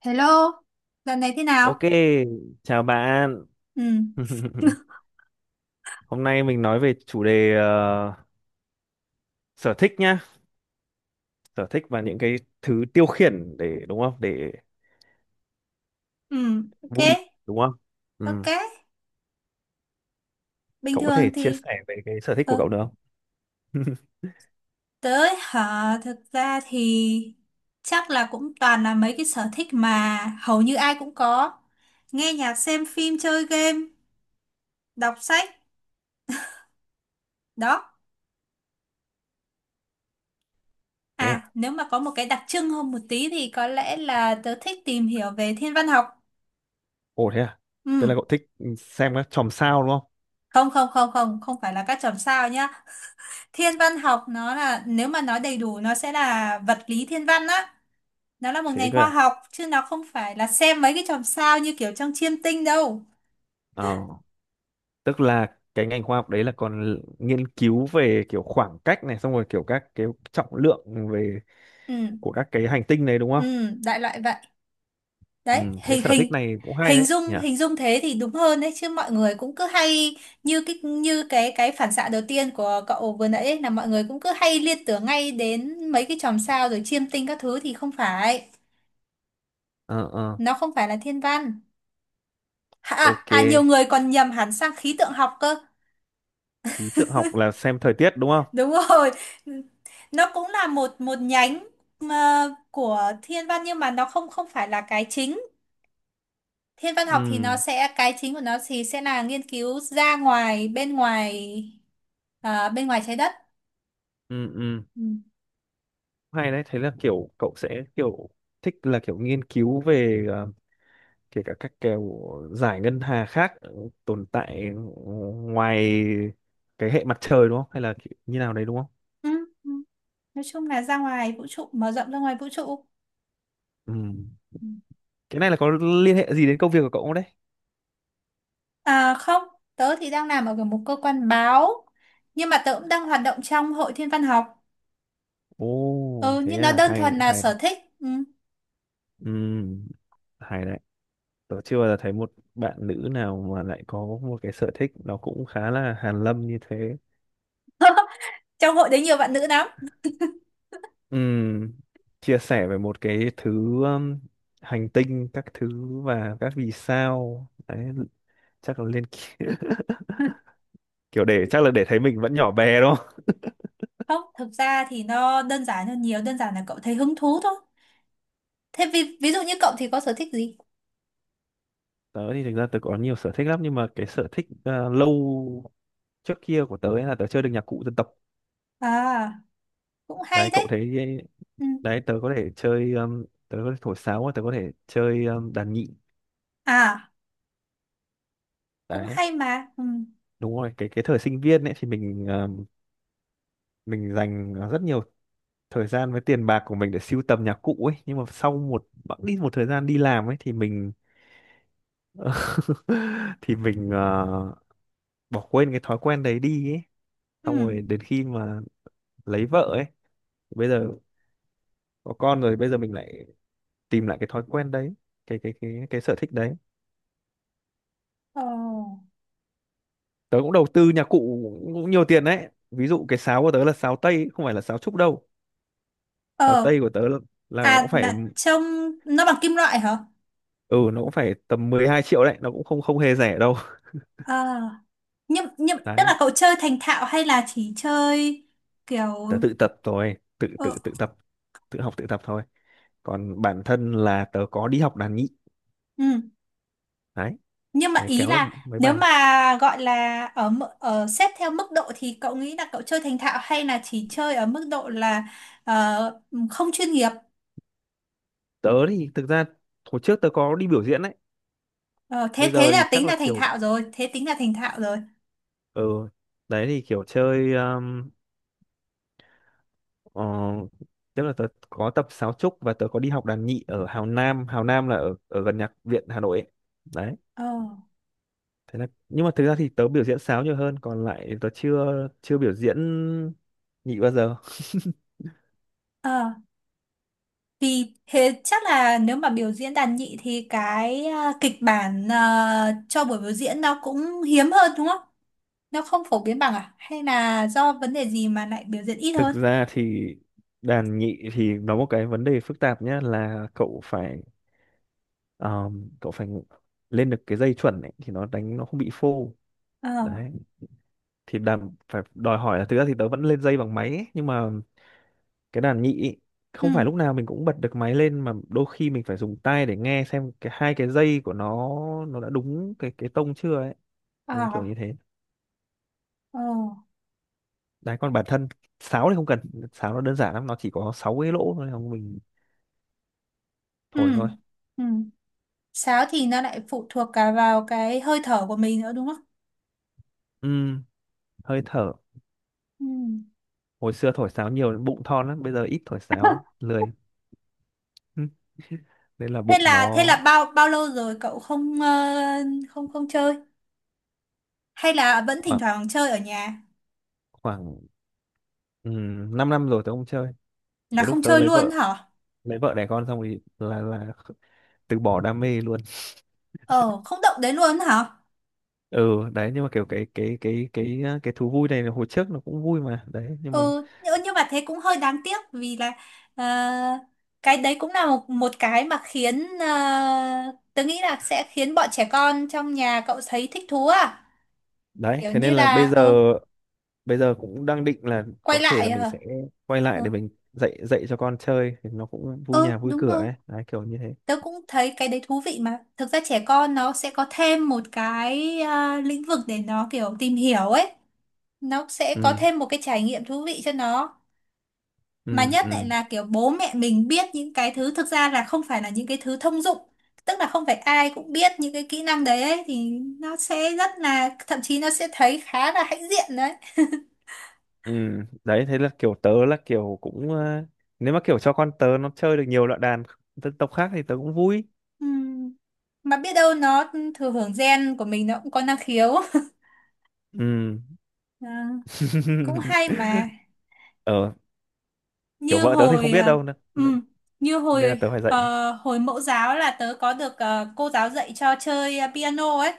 Hello, dạo này thế nào? Ok, chào bạn. Ừ, Hôm nay mình nói về chủ đề sở thích nhá, sở thích và những cái thứ tiêu khiển để đúng không? Để ừ, ok, vui đúng không? Ừ. ok. Bình Cậu có thường thể chia thì, sẻ về cái sở thích của ờ, cậu được không? tới hả? Thực ra thì chắc là cũng toàn là mấy cái sở thích mà hầu như ai cũng có. Nghe nhạc, xem phim, chơi game, đọc sách, đó. Thế à? À, nếu mà có một cái đặc trưng hơn một tí thì có lẽ là tớ thích tìm hiểu về thiên văn học. Ồ thế à? Tức là Ừ, cậu thích xem các chòm sao đúng không? không, không, không, không, không phải là các chòm sao nhá. Thiên văn học nó là, nếu mà nói đầy đủ nó sẽ là vật lý thiên văn á, nó là một Thế ngành cơ khoa à? học chứ nó không phải là xem mấy cái chòm sao như kiểu trong chiêm tinh đâu. Ờ, tức là cái ngành khoa học đấy là còn nghiên cứu về kiểu khoảng cách này, xong rồi kiểu các cái trọng lượng về Ừ, của các cái hành tinh này đúng không? ừ, đại loại vậy, đấy. Ừ, cái Hình sở thích hình này cũng hay hình đấy dung nhỉ. hình dung thế thì đúng hơn đấy, chứ mọi người cũng cứ hay như cái phản xạ đầu tiên của cậu vừa nãy ấy, là mọi người cũng cứ hay liên tưởng ngay đến mấy cái chòm sao rồi chiêm tinh các thứ thì không phải, ờ ờ nó không phải là thiên văn. à, ok, à nhiều người còn nhầm hẳn sang khí tượng học cơ. khí tượng học là xem thời tiết đúng không? Đúng rồi. Nó cũng là một một nhánh mà của thiên văn, nhưng mà nó không không phải là cái chính. Thiên văn học thì nó Ừ, sẽ cái chính của nó thì sẽ là nghiên cứu ra ngoài, bên ngoài, bên ngoài trái đất. ừ. Ừ, Ừ. hay đấy. Thế là kiểu cậu sẽ kiểu thích là kiểu nghiên cứu về kể cả các kiểu giải ngân hà khác tồn tại ngoài cái hệ mặt trời, đúng không, hay là kiểu như nào đấy đúng không? Ừ. Ừ. Nói chung là ra ngoài vũ trụ, mở rộng ra ngoài vũ trụ. Ừ, Ừ. cái này là có liên hệ gì đến công việc của cậu không đấy? À không, tớ thì đang làm ở một cơ quan báo nhưng mà tớ cũng đang hoạt động trong hội thiên văn học. Ồ Ừ, thế nhưng nó à, đơn hay thuần là hay. sở thích. Ừ. Ừ, hay đấy. Tớ chưa bao giờ thấy một bạn nữ nào mà lại có một cái sở thích nó cũng khá là hàn lâm như thế. Trong hội đấy nhiều bạn nữ lắm. Ừm, chia sẻ về một cái thứ, um, hành tinh, các thứ và các vì sao. Đấy, chắc là lên kiểu để chắc là để thấy mình vẫn nhỏ bé đúng không? Không, thực ra thì nó đơn giản hơn nhiều, đơn giản là cậu thấy hứng thú thôi. Thế ví dụ như cậu thì có sở thích gì? Tớ thì thực ra tớ có nhiều sở thích lắm, nhưng mà cái sở thích lâu trước kia của tớ ấy là tớ chơi được nhạc cụ dân tộc. À, cũng hay Đấy, cậu đấy. thấy Ừ. đấy, tớ có thể chơi, tớ có thể thổi sáo và tớ có thể chơi, đàn nhị. À, cũng Đấy, hay mà. Ừ. đúng rồi. Cái thời sinh viên ấy thì mình dành rất nhiều thời gian với tiền bạc của mình để sưu tầm nhạc cụ ấy, nhưng mà sau một bẵng đi một thời gian đi làm ấy thì mình thì bỏ quên cái thói quen đấy đi ấy. Ừ. Xong rồi đến khi mà lấy vợ ấy, bây giờ có con rồi, bây giờ mình lại tìm lại cái thói quen đấy, cái sở thích đấy. Ờ. Tớ cũng đầu tư nhạc cụ cũng nhiều tiền đấy, ví dụ cái sáo của tớ là sáo tây, không phải là sáo trúc đâu. Sáo Ờ. tây của tớ là nó cũng À, phải là trông nó bằng kim loại hả? ừ nó cũng phải tầm 12 triệu đấy, nó cũng không không hề rẻ đâu. À, nhưng tức Đấy, là cậu chơi thành thạo hay là chỉ chơi kiểu, tớ tự tập rồi tự ờ, tự tự tập, tự học tự tập thôi. Còn bản thân là tớ có đi học đàn nhị. ừ. Đấy, Nhưng mà để ý kéo được là, mấy nếu bài. mà gọi là ở ở xếp theo mức độ thì cậu nghĩ là cậu chơi thành thạo hay là chỉ chơi ở mức độ là ờ, không chuyên nghiệp. Tớ thì thực ra hồi trước tớ có đi biểu diễn đấy. Ờ, Bây thế thế giờ thì là chắc tính là là thành kiểu, thạo rồi, thế tính là thành thạo rồi. ừ, đấy thì kiểu chơi, ờ, tức là tớ có tập sáo trúc và tớ có đi học đàn nhị ở Hào Nam. Hào Nam là ở ở gần nhạc viện Hà Nội ấy. Đấy, ờ thế là, nhưng mà thực ra thì tớ biểu diễn sáo nhiều hơn, còn lại tớ chưa chưa biểu diễn nhị bao giờ. ờ Vì thế chắc là nếu mà biểu diễn đàn nhị thì cái kịch bản cho buổi biểu diễn nó cũng hiếm hơn đúng không? Nó không phổ biến bằng à, hay là do vấn đề gì mà lại biểu diễn ít Thực hơn? ra thì đàn nhị thì nó một cái vấn đề phức tạp nhá, là cậu phải, cậu phải lên được cái dây chuẩn ấy, thì nó đánh nó không bị phô. Ờ. Đấy, thì đàn phải đòi hỏi là, thực ra thì tớ vẫn lên dây bằng máy ấy, nhưng mà cái đàn nhị ấy, không Ừ. phải lúc nào mình cũng bật được máy lên, mà đôi khi mình phải dùng tai để nghe xem cái hai cái dây của nó đã đúng cái tông chưa ấy. Ờ. Đấy, kiểu như thế. Ờ. Đấy, còn bản thân sáo thì không cần. Sáo nó đơn giản lắm, nó chỉ có 6 cái lỗ thôi, không, mình thổi Ừ. thôi. Ừ. Sáo thì nó lại phụ thuộc cả vào cái hơi thở của mình nữa đúng không? Ừm, hơi thở. Ừ. Hồi xưa thổi sáo nhiều đến bụng thon lắm, bây giờ ít thổi sáo lười. Ừm, nên là Thế bụng là thế nó... là bao bao lâu rồi cậu không, không chơi? Hay là vẫn thỉnh khoảng thoảng chơi ở nhà? khoảng 5 năm rồi tớ không chơi. Là Từ lúc không tớ chơi lấy luôn vợ, hả? lấy vợ đẻ con xong thì là từ bỏ đam mê luôn. Ờ, không động đến luôn hả? Ừ. Đấy nhưng mà kiểu cái thú vui này là hồi trước nó cũng vui mà đấy, nhưng mà... Ừ, nhưng mà thế cũng hơi đáng tiếc vì là, ờ, cái đấy cũng là một một cái mà khiến, tớ nghĩ là sẽ khiến bọn trẻ con trong nhà cậu thấy thích thú à? Đấy Kiểu thế như nên là là bây giờ bây giờ cũng đang định là quay có thể là lại, mình sẽ quay ờ, lại để mình dạy dạy cho con chơi thì nó cũng vui ừ, nhà vui đúng cửa rồi. ấy. Đấy, kiểu như thế. Tớ cũng thấy cái đấy thú vị mà. Thực ra trẻ con nó sẽ có thêm một cái, lĩnh vực để nó kiểu tìm hiểu ấy. Nó sẽ có Ừ, thêm một cái trải nghiệm thú vị cho nó. Mà ừ, nhất ừ, lại là kiểu bố mẹ mình biết những cái thứ thực ra là không phải là những cái thứ thông dụng. Tức là không phải ai cũng biết những cái kỹ năng đấy ấy, thì nó sẽ rất là, thậm chí nó sẽ thấy khá là hãnh diện đấy. ừ. Đấy thế là kiểu tớ là kiểu cũng nếu mà kiểu cho con tớ nó chơi được nhiều loại đàn dân tộc khác thì tớ cũng vui. Ừm. Mà biết đâu nó thừa hưởng gen của mình nó cũng có năng khiếu. Ừ. À, cũng hay mà. ờ Kiểu Như vợ tớ thì không hồi biết à, đâu, nên, ừ, như nên là hồi tớ phải dạy. ờ, Hồi mẫu giáo là tớ có được, cô giáo dạy cho chơi, piano ấy.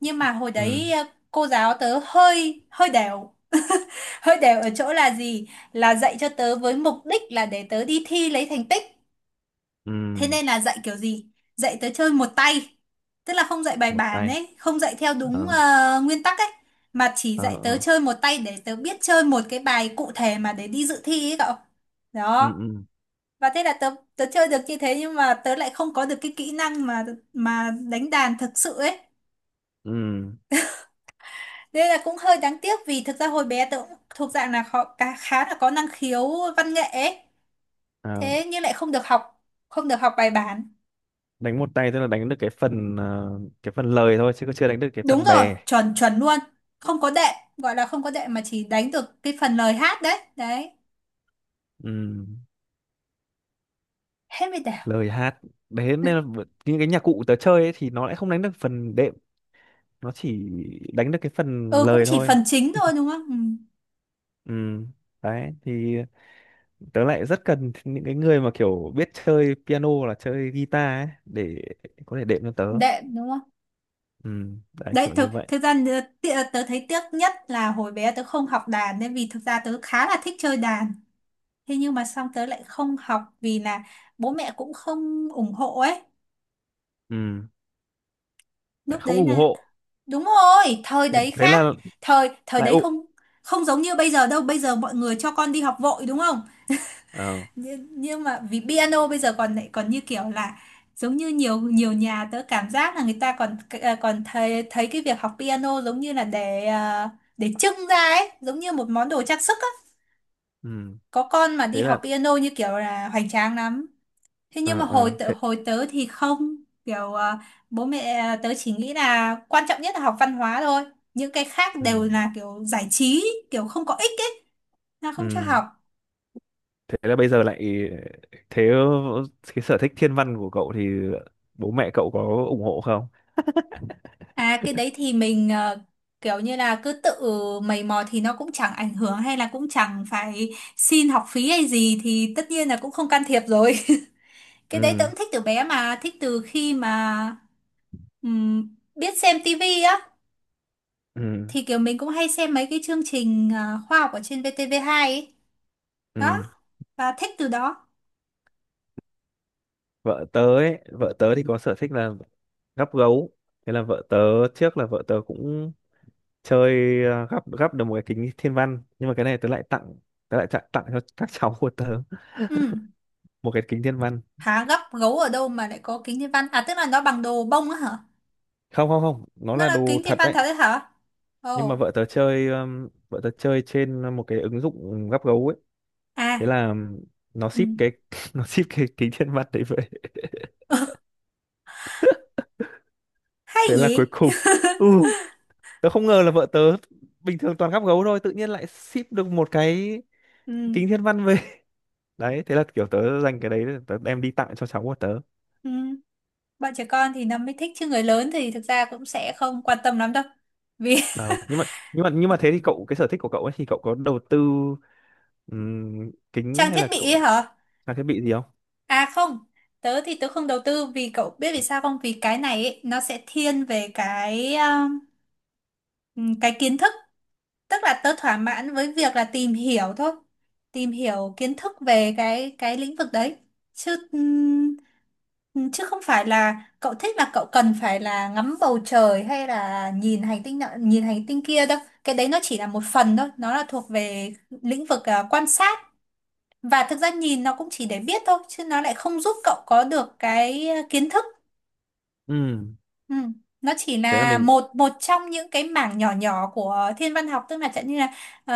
Nhưng mà hồi Ừ, đấy, cô giáo tớ hơi hơi đều. Hơi đều ở chỗ là gì, là dạy cho tớ với mục đích là để tớ đi thi lấy thành tích. ừ. Thế nên là dạy kiểu gì, dạy tớ chơi một tay, tức là không dạy bài Một bản tay. ấy, không dạy theo đúng, Ờ, nguyên tắc ấy, mà chỉ ờ, dạy tớ ờ. chơi một tay để tớ biết chơi một cái bài cụ thể mà để đi dự thi ấy cậu. Ừ, Đó. ừ, Và thế là tớ tớ chơi được như thế, nhưng mà tớ lại không có được cái kỹ năng mà đánh đàn thực sự ấy. ừ. Đây là cũng hơi đáng tiếc vì thực ra hồi bé tớ cũng thuộc dạng là họ khá là có năng khiếu văn nghệ ấy. Ờ. Thế nhưng lại không được học bài bản. Đánh một tay tức là đánh được cái phần lời thôi, chứ còn chưa đánh được cái Đúng phần rồi, bè. chuẩn chuẩn luôn. Không có đệm, gọi là không có đệm mà chỉ đánh được cái phần lời hát đấy đấy. Ừm, Hết mới đảo. lời hát. Đấy nên là những cái nhạc cụ tớ chơi ấy, thì nó lại không đánh được phần đệm, nó chỉ đánh được cái phần Ừ, cũng lời chỉ thôi. phần chính thôi đúng không. Ừ. Ừm, đấy thì tớ lại rất cần những cái người mà kiểu biết chơi piano hoặc là chơi guitar ấy để có thể đệm cho tớ. Đệm đúng không. Đấy Đấy, kiểu như thực, vậy. thực ra tớ thấy tiếc nhất là hồi bé tớ không học đàn nên vì thực ra tớ khá là thích chơi đàn. Thế nhưng mà xong tớ lại không học vì là bố mẹ cũng không ủng hộ ấy. Ừm, lại Lúc không đấy ủng là, hộ. đúng rồi, thời thế, đấy thế khác. là Thời thời lại đấy ụ. không không giống như bây giờ đâu. Bây giờ mọi người cho con đi học vội đúng không? Ờ, Nhưng mà vì piano bây giờ còn lại còn như kiểu là giống như nhiều nhiều nhà tớ cảm giác là người ta còn, còn thấy thấy cái việc học piano giống như là để, để trưng ra ấy giống như một món đồ trang sức á. ừm, Có con mà đi thế là, học piano như kiểu là hoành tráng lắm. Thế nhưng mà ờ, hồi ờ, tớ, thế, hồi tớ thì không kiểu, bố mẹ, tớ chỉ nghĩ là quan trọng nhất là học văn hóa thôi, những cái khác đều ừm, là kiểu giải trí, kiểu không có ích ấy, là không cho ừm. học. Thế là bây giờ lại, thế, cái sở thích thiên văn của cậu thì bố mẹ cậu có ủng hộ không? À cái đấy thì mình, kiểu như là cứ tự mày mò thì nó cũng chẳng ảnh hưởng hay là cũng chẳng phải xin học phí hay gì thì tất nhiên là cũng không can thiệp rồi. Cái đấy tớ Ừ, cũng thích từ bé mà, thích từ khi mà, biết xem tivi á, ừ, thì kiểu mình cũng hay xem mấy cái chương trình, khoa học ở trên VTV2 ấy. Đó, ừ. và thích từ đó. Vợ tớ ấy, vợ tớ thì có sở thích là gắp gấu. Thế là vợ tớ, trước là vợ tớ cũng chơi, gắp gắp được một cái kính thiên văn, nhưng mà cái này tớ lại tặng cho các cháu của tớ Ừ. một cái kính thiên văn. Hả, gấp gấu ở đâu mà lại có kính thiên văn? À tức là nó bằng đồ bông á hả? Không, không, không, nó Nó là là đồ kính thiên thật văn đấy. thật đấy hả? Nhưng mà Ồ. vợ tớ chơi trên một cái ứng dụng gắp gấu ấy. Thế À. là nó Ừ. ship cái nó ship cái kính thiên văn đấy vậy. Hay Thế là cuối nhỉ. cùng, ừ tớ không ngờ là vợ tớ bình thường toàn gắp gấu thôi tự nhiên lại ship được một cái Ừ, kính thiên văn về. Đấy thế là kiểu tớ dành cái đấy để tớ đem đi tặng cho cháu của tớ. ừ. Bọn trẻ con thì nó mới thích chứ người lớn thì thực ra cũng sẽ không quan tâm lắm đâu vì... Ờ, nhưng mà thế thì cậu, cái sở thích của cậu ấy thì cậu có đầu tư kính Trang hay thiết là bị cậu ấy hả? trang thiết bị gì không? À không, tớ thì tớ không đầu tư vì cậu biết vì sao không, vì cái này ấy, nó sẽ thiên về cái, cái kiến thức, tức là tớ thỏa mãn với việc là tìm hiểu thôi, tìm hiểu kiến thức về cái lĩnh vực đấy, chứ, chứ không phải là cậu thích là cậu cần phải là ngắm bầu trời hay là nhìn hành tinh nọ nhìn hành tinh kia đâu. Cái đấy nó chỉ là một phần thôi, nó là thuộc về lĩnh vực, quan sát. Và thực ra nhìn nó cũng chỉ để biết thôi chứ nó lại không giúp cậu có được cái, kiến thức. Ừ, Ừ. Nó chỉ thế là là mình. một một trong những cái mảng nhỏ nhỏ của thiên văn học, tức là chẳng như là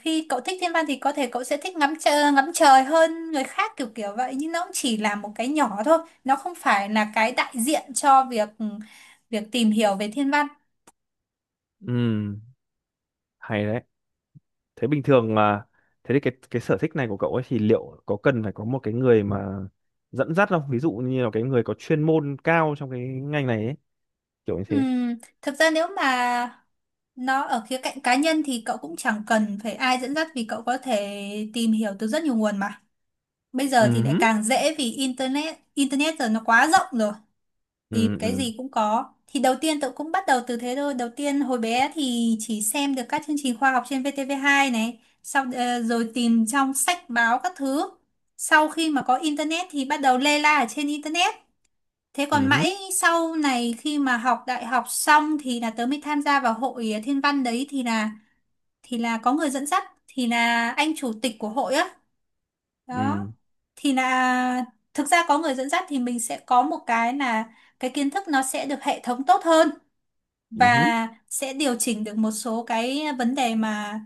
khi cậu thích thiên văn thì có thể cậu sẽ thích ngắm trời hơn người khác, kiểu kiểu vậy, nhưng nó cũng chỉ là một cái nhỏ thôi. Nó không phải là cái đại diện cho việc tìm hiểu về thiên văn. Ừ, hay đấy. Thế bình thường à? Thế thì cái sở thích này của cậu ấy thì liệu có cần phải có một cái người mà dẫn dắt không? Ví dụ như là cái người có chuyên môn cao trong cái ngành này ấy, kiểu như thế. Ừm, Thực ra nếu mà nó ở khía cạnh cá nhân thì cậu cũng chẳng cần phải ai dẫn dắt, vì cậu có thể tìm hiểu từ rất nhiều nguồn mà bây giờ thì Ừ, lại hứ. càng dễ vì internet internet giờ nó quá rộng rồi, thì Ừ, cái ừ. gì cũng có. Thì đầu tiên tôi cũng bắt đầu từ thế thôi, đầu tiên hồi bé thì chỉ xem được các chương trình khoa học trên VTV2 này, sau rồi tìm trong sách báo các thứ. Sau khi mà có internet thì bắt đầu lê la ở trên internet. Thế còn Ừ, hứ. mãi sau này khi mà học đại học xong thì là tớ mới tham gia vào hội thiên văn đấy, thì là có người dẫn dắt, thì là anh chủ tịch của hội á. Đó, Ừ. thì là thực ra có người dẫn dắt thì mình sẽ có một cái là cái kiến thức nó sẽ được hệ thống tốt hơn, Ừ, hứ. và sẽ điều chỉnh được một số cái vấn đề mà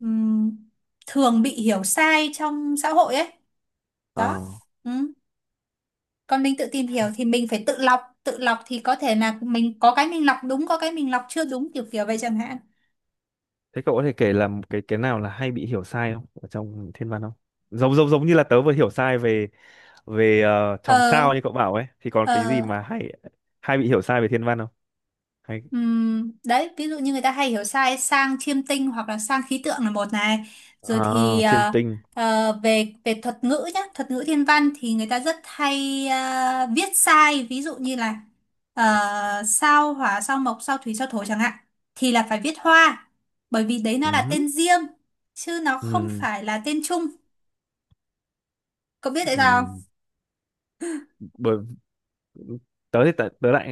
ừm, thường bị hiểu sai trong xã hội ấy. Ờ, Đó. Ừ. Còn mình tự tìm hiểu thì mình phải tự lọc, tự lọc thì có thể là mình có cái mình lọc đúng, có cái mình lọc chưa đúng, kiểu kiểu vậy chẳng hạn. thế cậu có thể kể là một cái nào là hay bị hiểu sai không ở trong thiên văn không? Giống giống giống như là tớ vừa hiểu sai về về chòm ờ sao như cậu bảo ấy, thì còn ờ cái gì mà hay, hay bị hiểu sai về thiên văn không? Hay, Đấy, ví dụ như người ta hay hiểu sai sang chiêm tinh hoặc là sang khí tượng là một này. Rồi thì à, chiêm tinh. Về về thuật ngữ nhá, thuật ngữ thiên văn thì người ta rất hay viết sai, ví dụ như là ờ, sao hỏa, sao mộc, sao thủy, sao thổ chẳng hạn, thì là phải viết hoa, bởi vì đấy Ừ, nó là hứ. tên riêng chứ nó không Ừ. phải là tên chung. Cậu biết tại Ừ. sao không? Bởi tớ lại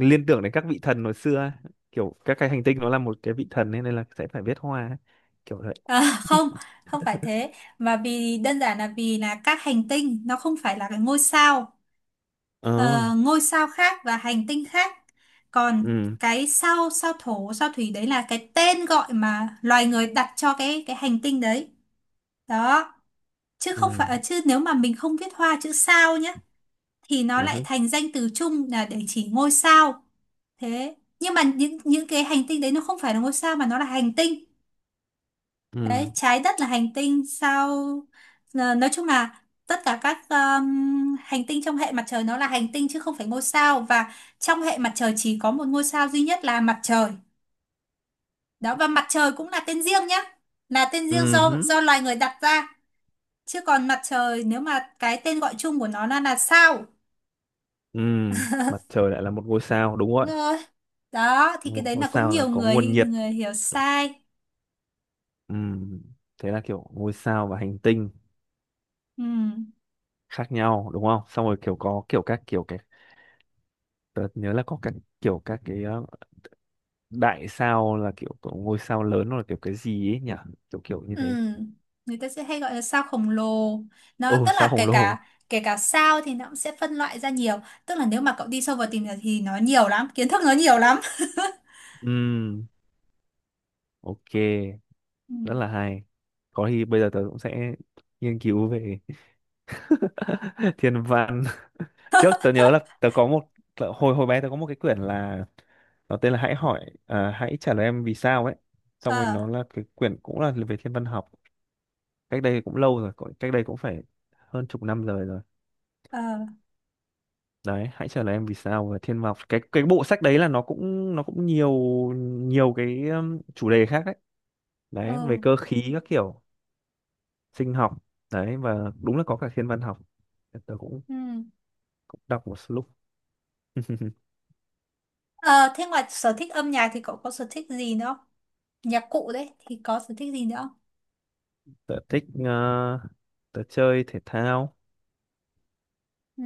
liên tưởng đến các vị thần hồi xưa ấy. Kiểu các cái hành tinh nó là một cái vị thần ấy, nên là sẽ phải viết hoa ấy. Kiểu vậy. À, không, không phải thế, mà vì đơn giản là vì là các hành tinh nó không phải là cái ngôi sao. Ờ. Ờ, ngôi sao khác và hành tinh khác. Còn Ừ, cái sao sao thổ, sao thủy đấy là cái tên gọi mà loài người đặt cho cái hành tinh đấy. Đó, chứ ừ. không phải chứ nếu mà mình không viết hoa chữ sao nhá thì nó Ừ, lại hứ. thành danh từ chung là để chỉ ngôi sao. Thế, nhưng mà những cái hành tinh đấy nó không phải là ngôi sao mà nó là hành tinh. Ừ. Đấy, trái đất là hành tinh sao. Ờ, nói chung là tất cả các hành tinh trong hệ mặt trời nó là hành tinh chứ không phải ngôi sao, và trong hệ mặt trời chỉ có một ngôi sao duy nhất là mặt trời. Đó, và mặt trời cũng là tên riêng nhá. Là tên riêng Ừ, do hứ. Loài người đặt ra, chứ còn mặt trời nếu mà cái tên gọi chung của nó là sao. Ừ. Mặt trời lại là một ngôi sao, đúng Đúng rồi. rồi. Đó thì cái Một đấy ngôi là cũng sao là nhiều có nguồn người nhiệt. người hiểu sai. Ừ. Thế là kiểu ngôi sao và hành tinh Ừ. khác nhau đúng không, xong rồi kiểu có kiểu các kiểu cái, tớ nhớ là có các kiểu các cái đại sao là kiểu có ngôi sao lớn, hoặc là kiểu cái gì ấy nhỉ, kiểu kiểu như Ừ, thế. người ta sẽ hay gọi là sao khổng lồ. Nó Ồ, tức sao là khổng kể lồ. cả kể cả sao thì nó cũng sẽ phân loại ra nhiều. Tức là nếu mà cậu đi sâu vào tìm hiểu thì nó nhiều lắm, kiến thức nó nhiều lắm. Ừm, ok, Ừ. rất là hay. Có khi bây giờ tớ cũng sẽ nghiên cứu về thiên văn. Trước tớ nhớ là tớ có một tớ- hồi hồi bé tớ có một cái quyển là, nó tên là Hãy trả lời em vì sao ấy. Xong rồi Ờ, nó là cái quyển cũng là về thiên văn học. Cách đây cũng lâu rồi, cách đây cũng phải hơn chục năm rồi rồi. ờ, Đấy, hãy trả lời em vì sao về thiên văn học. Cái bộ sách đấy là nó cũng nhiều nhiều cái, chủ đề khác đấy. Đấy, ờ. về cơ khí các kiểu sinh học đấy và đúng là có cả thiên văn học, tớ cũng Ừ. cũng đọc một lúc. Ờ, thế ngoài sở thích âm nhạc thì cậu có sở thích gì nữa không? Nhạc cụ đấy thì có sở thích gì nữa không? Tớ thích tớ chơi thể thao, Ừ.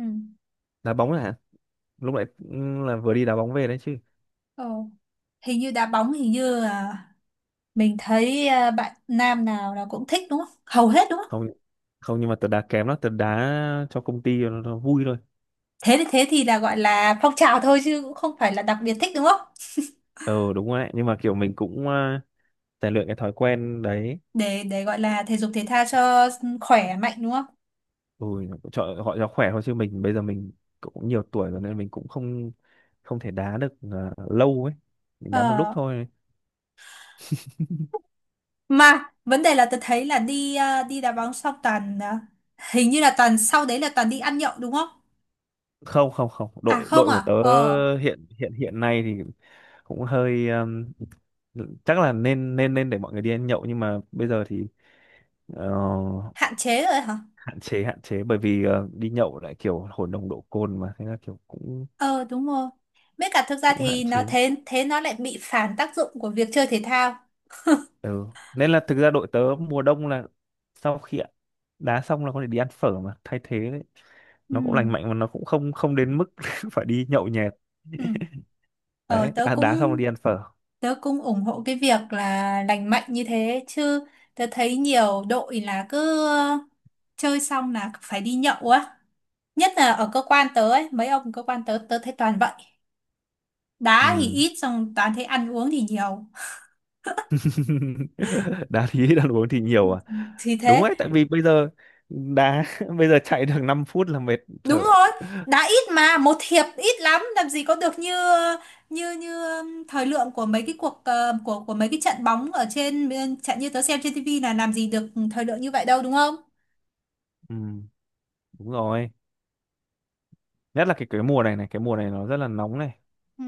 đá bóng là lúc nãy là vừa đi đá bóng về đấy chứ. Ờ. Hình như đá bóng, hình như là mình thấy à, bạn nam nào là cũng thích đúng không? Hầu hết đúng không? Không, không nhưng mà tớ đá kém lắm, tớ đá cho công ty nó vui thôi. Thế thì là gọi là phong trào thôi chứ cũng không phải là đặc biệt thích đúng không? Ờ đúng rồi đấy, nhưng mà kiểu mình cũng rèn luyện cái thói quen đấy. Để gọi là thể dục thể thao cho khỏe mạnh đúng không? Ừ, cho họ cho khỏe thôi chứ mình bây giờ mình cũng nhiều tuổi rồi, nên mình cũng không không thể đá được lâu ấy, mình đá một lúc Ờ, thôi. mà vấn đề là tôi thấy là đi đi đá bóng xong toàn hình như là toàn sau đấy là toàn đi ăn nhậu đúng không? Không không không, À đội không đội của à? tớ Ờ, hiện hiện hiện nay thì cũng hơi chắc là nên nên nên để mọi người đi ăn nhậu, nhưng mà bây giờ thì ờ, hạn chế rồi hả? hạn chế, hạn chế bởi vì ờ, đi nhậu lại kiểu hồn đồng độ cồn mà thế là kiểu cũng Ờ đúng rồi. Với cả thực ra cũng hạn thì nó chế. thế thế nó lại bị phản tác dụng của việc chơi thể thao. Ừ. Nên là thực ra đội tớ mùa đông là sau khi đá xong là có thể đi ăn phở mà thay thế đấy. Ừ. Nó cũng lành mạnh mà nó cũng không không đến mức phải đi nhậu nhẹt. Ừ. Ờ, Đấy, tớ đá, cũng đá xong là đi ăn phở. tớ cũng ủng hộ cái việc là lành mạnh như thế, chứ tớ thấy nhiều đội là cứ chơi xong là phải đi nhậu á, nhất là ở cơ quan tớ ấy, mấy ông cơ quan tớ tớ thấy toàn vậy, đá thì Ừ. ít xong toàn thấy ăn uống thì nhiều. Đá thì ăn uống thì nhiều à? Thì Đúng thế. đấy, tại vì bây giờ đá bây giờ chạy được 5 phút là mệt Đúng thở. rồi. Đá ít mà một hiệp ít lắm làm gì có được như như như thời lượng của mấy cái cuộc của mấy cái trận bóng ở trên bên- trận như tớ xem trên tivi, là làm gì được thời lượng như vậy đâu đúng không? Ừ, đúng rồi, nhất là cái mùa này này, cái mùa này nó rất là nóng này. Ừ.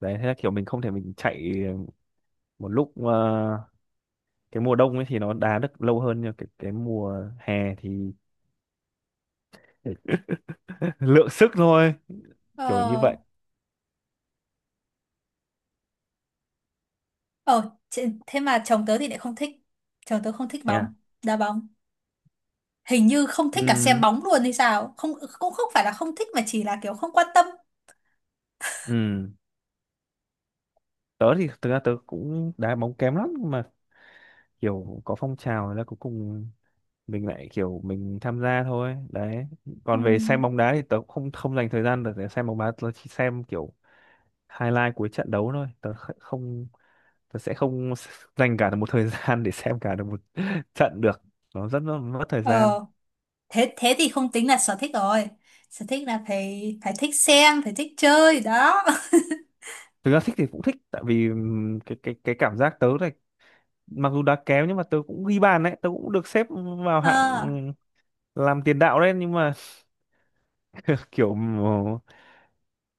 Đấy thế là kiểu mình không thể mình chạy một lúc cái mùa đông ấy thì nó đá được lâu hơn, nhưng cái mùa hè thì lượng sức thôi, kiểu như ờ vậy. ờ thế thế mà chồng tớ thì lại không thích. Chồng tớ không thích Thế à? bóng đá bóng, hình như không thích cả xem Ừ. bóng luôn hay sao không. Cũng không phải là không thích mà chỉ là kiểu không quan tâm. Ừ, tớ thì thực ra tớ cũng đá bóng kém lắm, nhưng mà kiểu có phong trào là cuối cùng mình lại kiểu mình tham gia thôi đấy. Ừ. Còn về xem bóng đá thì tớ cũng không không dành thời gian được để xem bóng đá, tớ chỉ xem kiểu highlight cuối trận đấu thôi, không, tớ sẽ không s- dành cả một thời gian để xem cả được một trận được, nó rất là mất thời gian. Ờ thế thế thì không tính là sở thích rồi. Sở thích là phải phải thích xem, phải thích chơi đó. Thực ra thích thì cũng thích, tại vì cái cảm giác tớ này, mặc dù đá kém nhưng mà tớ cũng ghi bàn đấy, tớ cũng được xếp vào Ờ hạng làm tiền đạo đấy, nhưng mà kiểu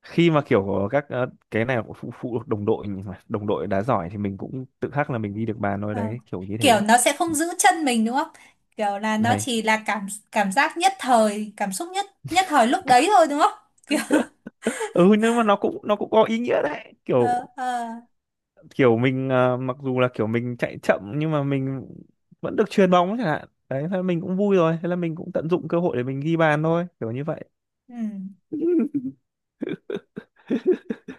khi mà kiểu các cái này cũng phụ phụ thuộc đồng đội, nhưng mà đồng đội đá giỏi thì mình cũng tự khắc là mình ghi được bàn thôi ờ. đấy, kiểu như Kiểu thế. nó sẽ không giữ chân mình đúng không? Kiểu là nó Đây. chỉ là cảm cảm giác nhất thời, cảm xúc nhất nhất thời lúc đấy thôi đúng không? Kiểu Ừ nhưng mà nó cũng có ý nghĩa đấy, ờ kiểu ờ kiểu mình mặc dù là kiểu mình chạy chậm nhưng mà mình vẫn được chuyền bóng chẳng hạn đấy, thế là mình cũng vui rồi, thế là mình cũng tận dụng cơ hội để mình ghi bàn thôi, kiểu như vậy. ừ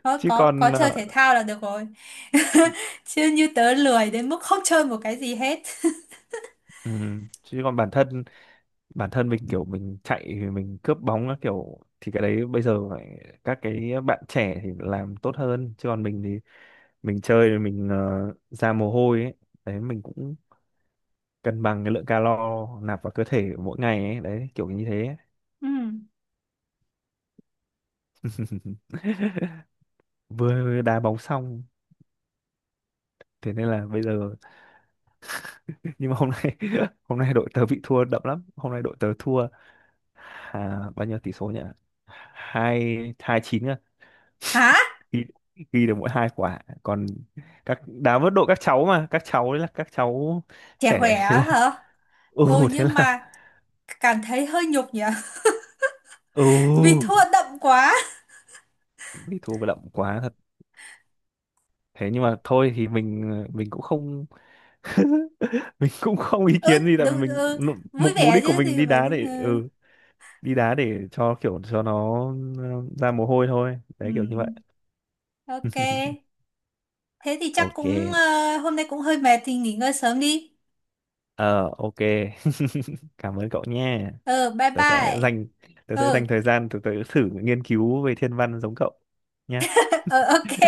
thôi, Chứ có còn chơi thể thao là được rồi. Chứ như tớ lười đến mức không chơi một cái gì hết. Chứ còn bản thân mình kiểu mình chạy thì mình cướp bóng á, kiểu thì cái đấy bây giờ phải các cái bạn trẻ thì làm tốt hơn, chứ còn mình thì mình chơi thì mình ra mồ hôi ấy. Đấy mình cũng cân bằng cái lượng calo nạp vào cơ thể mỗi ngày ấy, đấy kiểu như thế. Ừ. Vừa đá bóng xong, thế nên là bây giờ nhưng mà hôm nay hôm nay đội tớ bị thua đậm lắm, hôm nay đội tớ thua à, bao nhiêu tỷ số nhỉ? Hai, 2-9. Hả? Ghi, ghi được mỗi 2 quả, còn các đá vớt đội các cháu, mà các cháu đấy là các cháu Trẻ khỏe trẻ, thế á là hả? ừ, Ừ thế nhưng là mà cảm thấy hơi nhục nhỉ? Vì ừ thua đậm quá. bị thua đậm quá thật. Thế nhưng mà thôi thì mình cũng không mình cũng không ý Ừ, kiến gì, tại vì đúng, mình ừ. Vui mục mục vẻ đích của chứ mình thì đi phải, đá để ừ. ừ đi đá để cho kiểu cho nó ừ, ra mồ hôi thôi Ừ. đấy, kiểu như vậy. Ok. Thế thì chắc cũng Ok, hôm nay cũng hơi mệt thì nghỉ ngơi sớm đi. ờ ok. Cảm ơn cậu nha, Ừ, bye tớ sẽ bye. dành tớ sẽ dành Ừ, thời gian tớ, tớ thử nghiên cứu về thiên văn giống cậu nhé. ừ ok.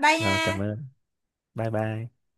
Bye nha. Rồi cảm ơn, bye bye.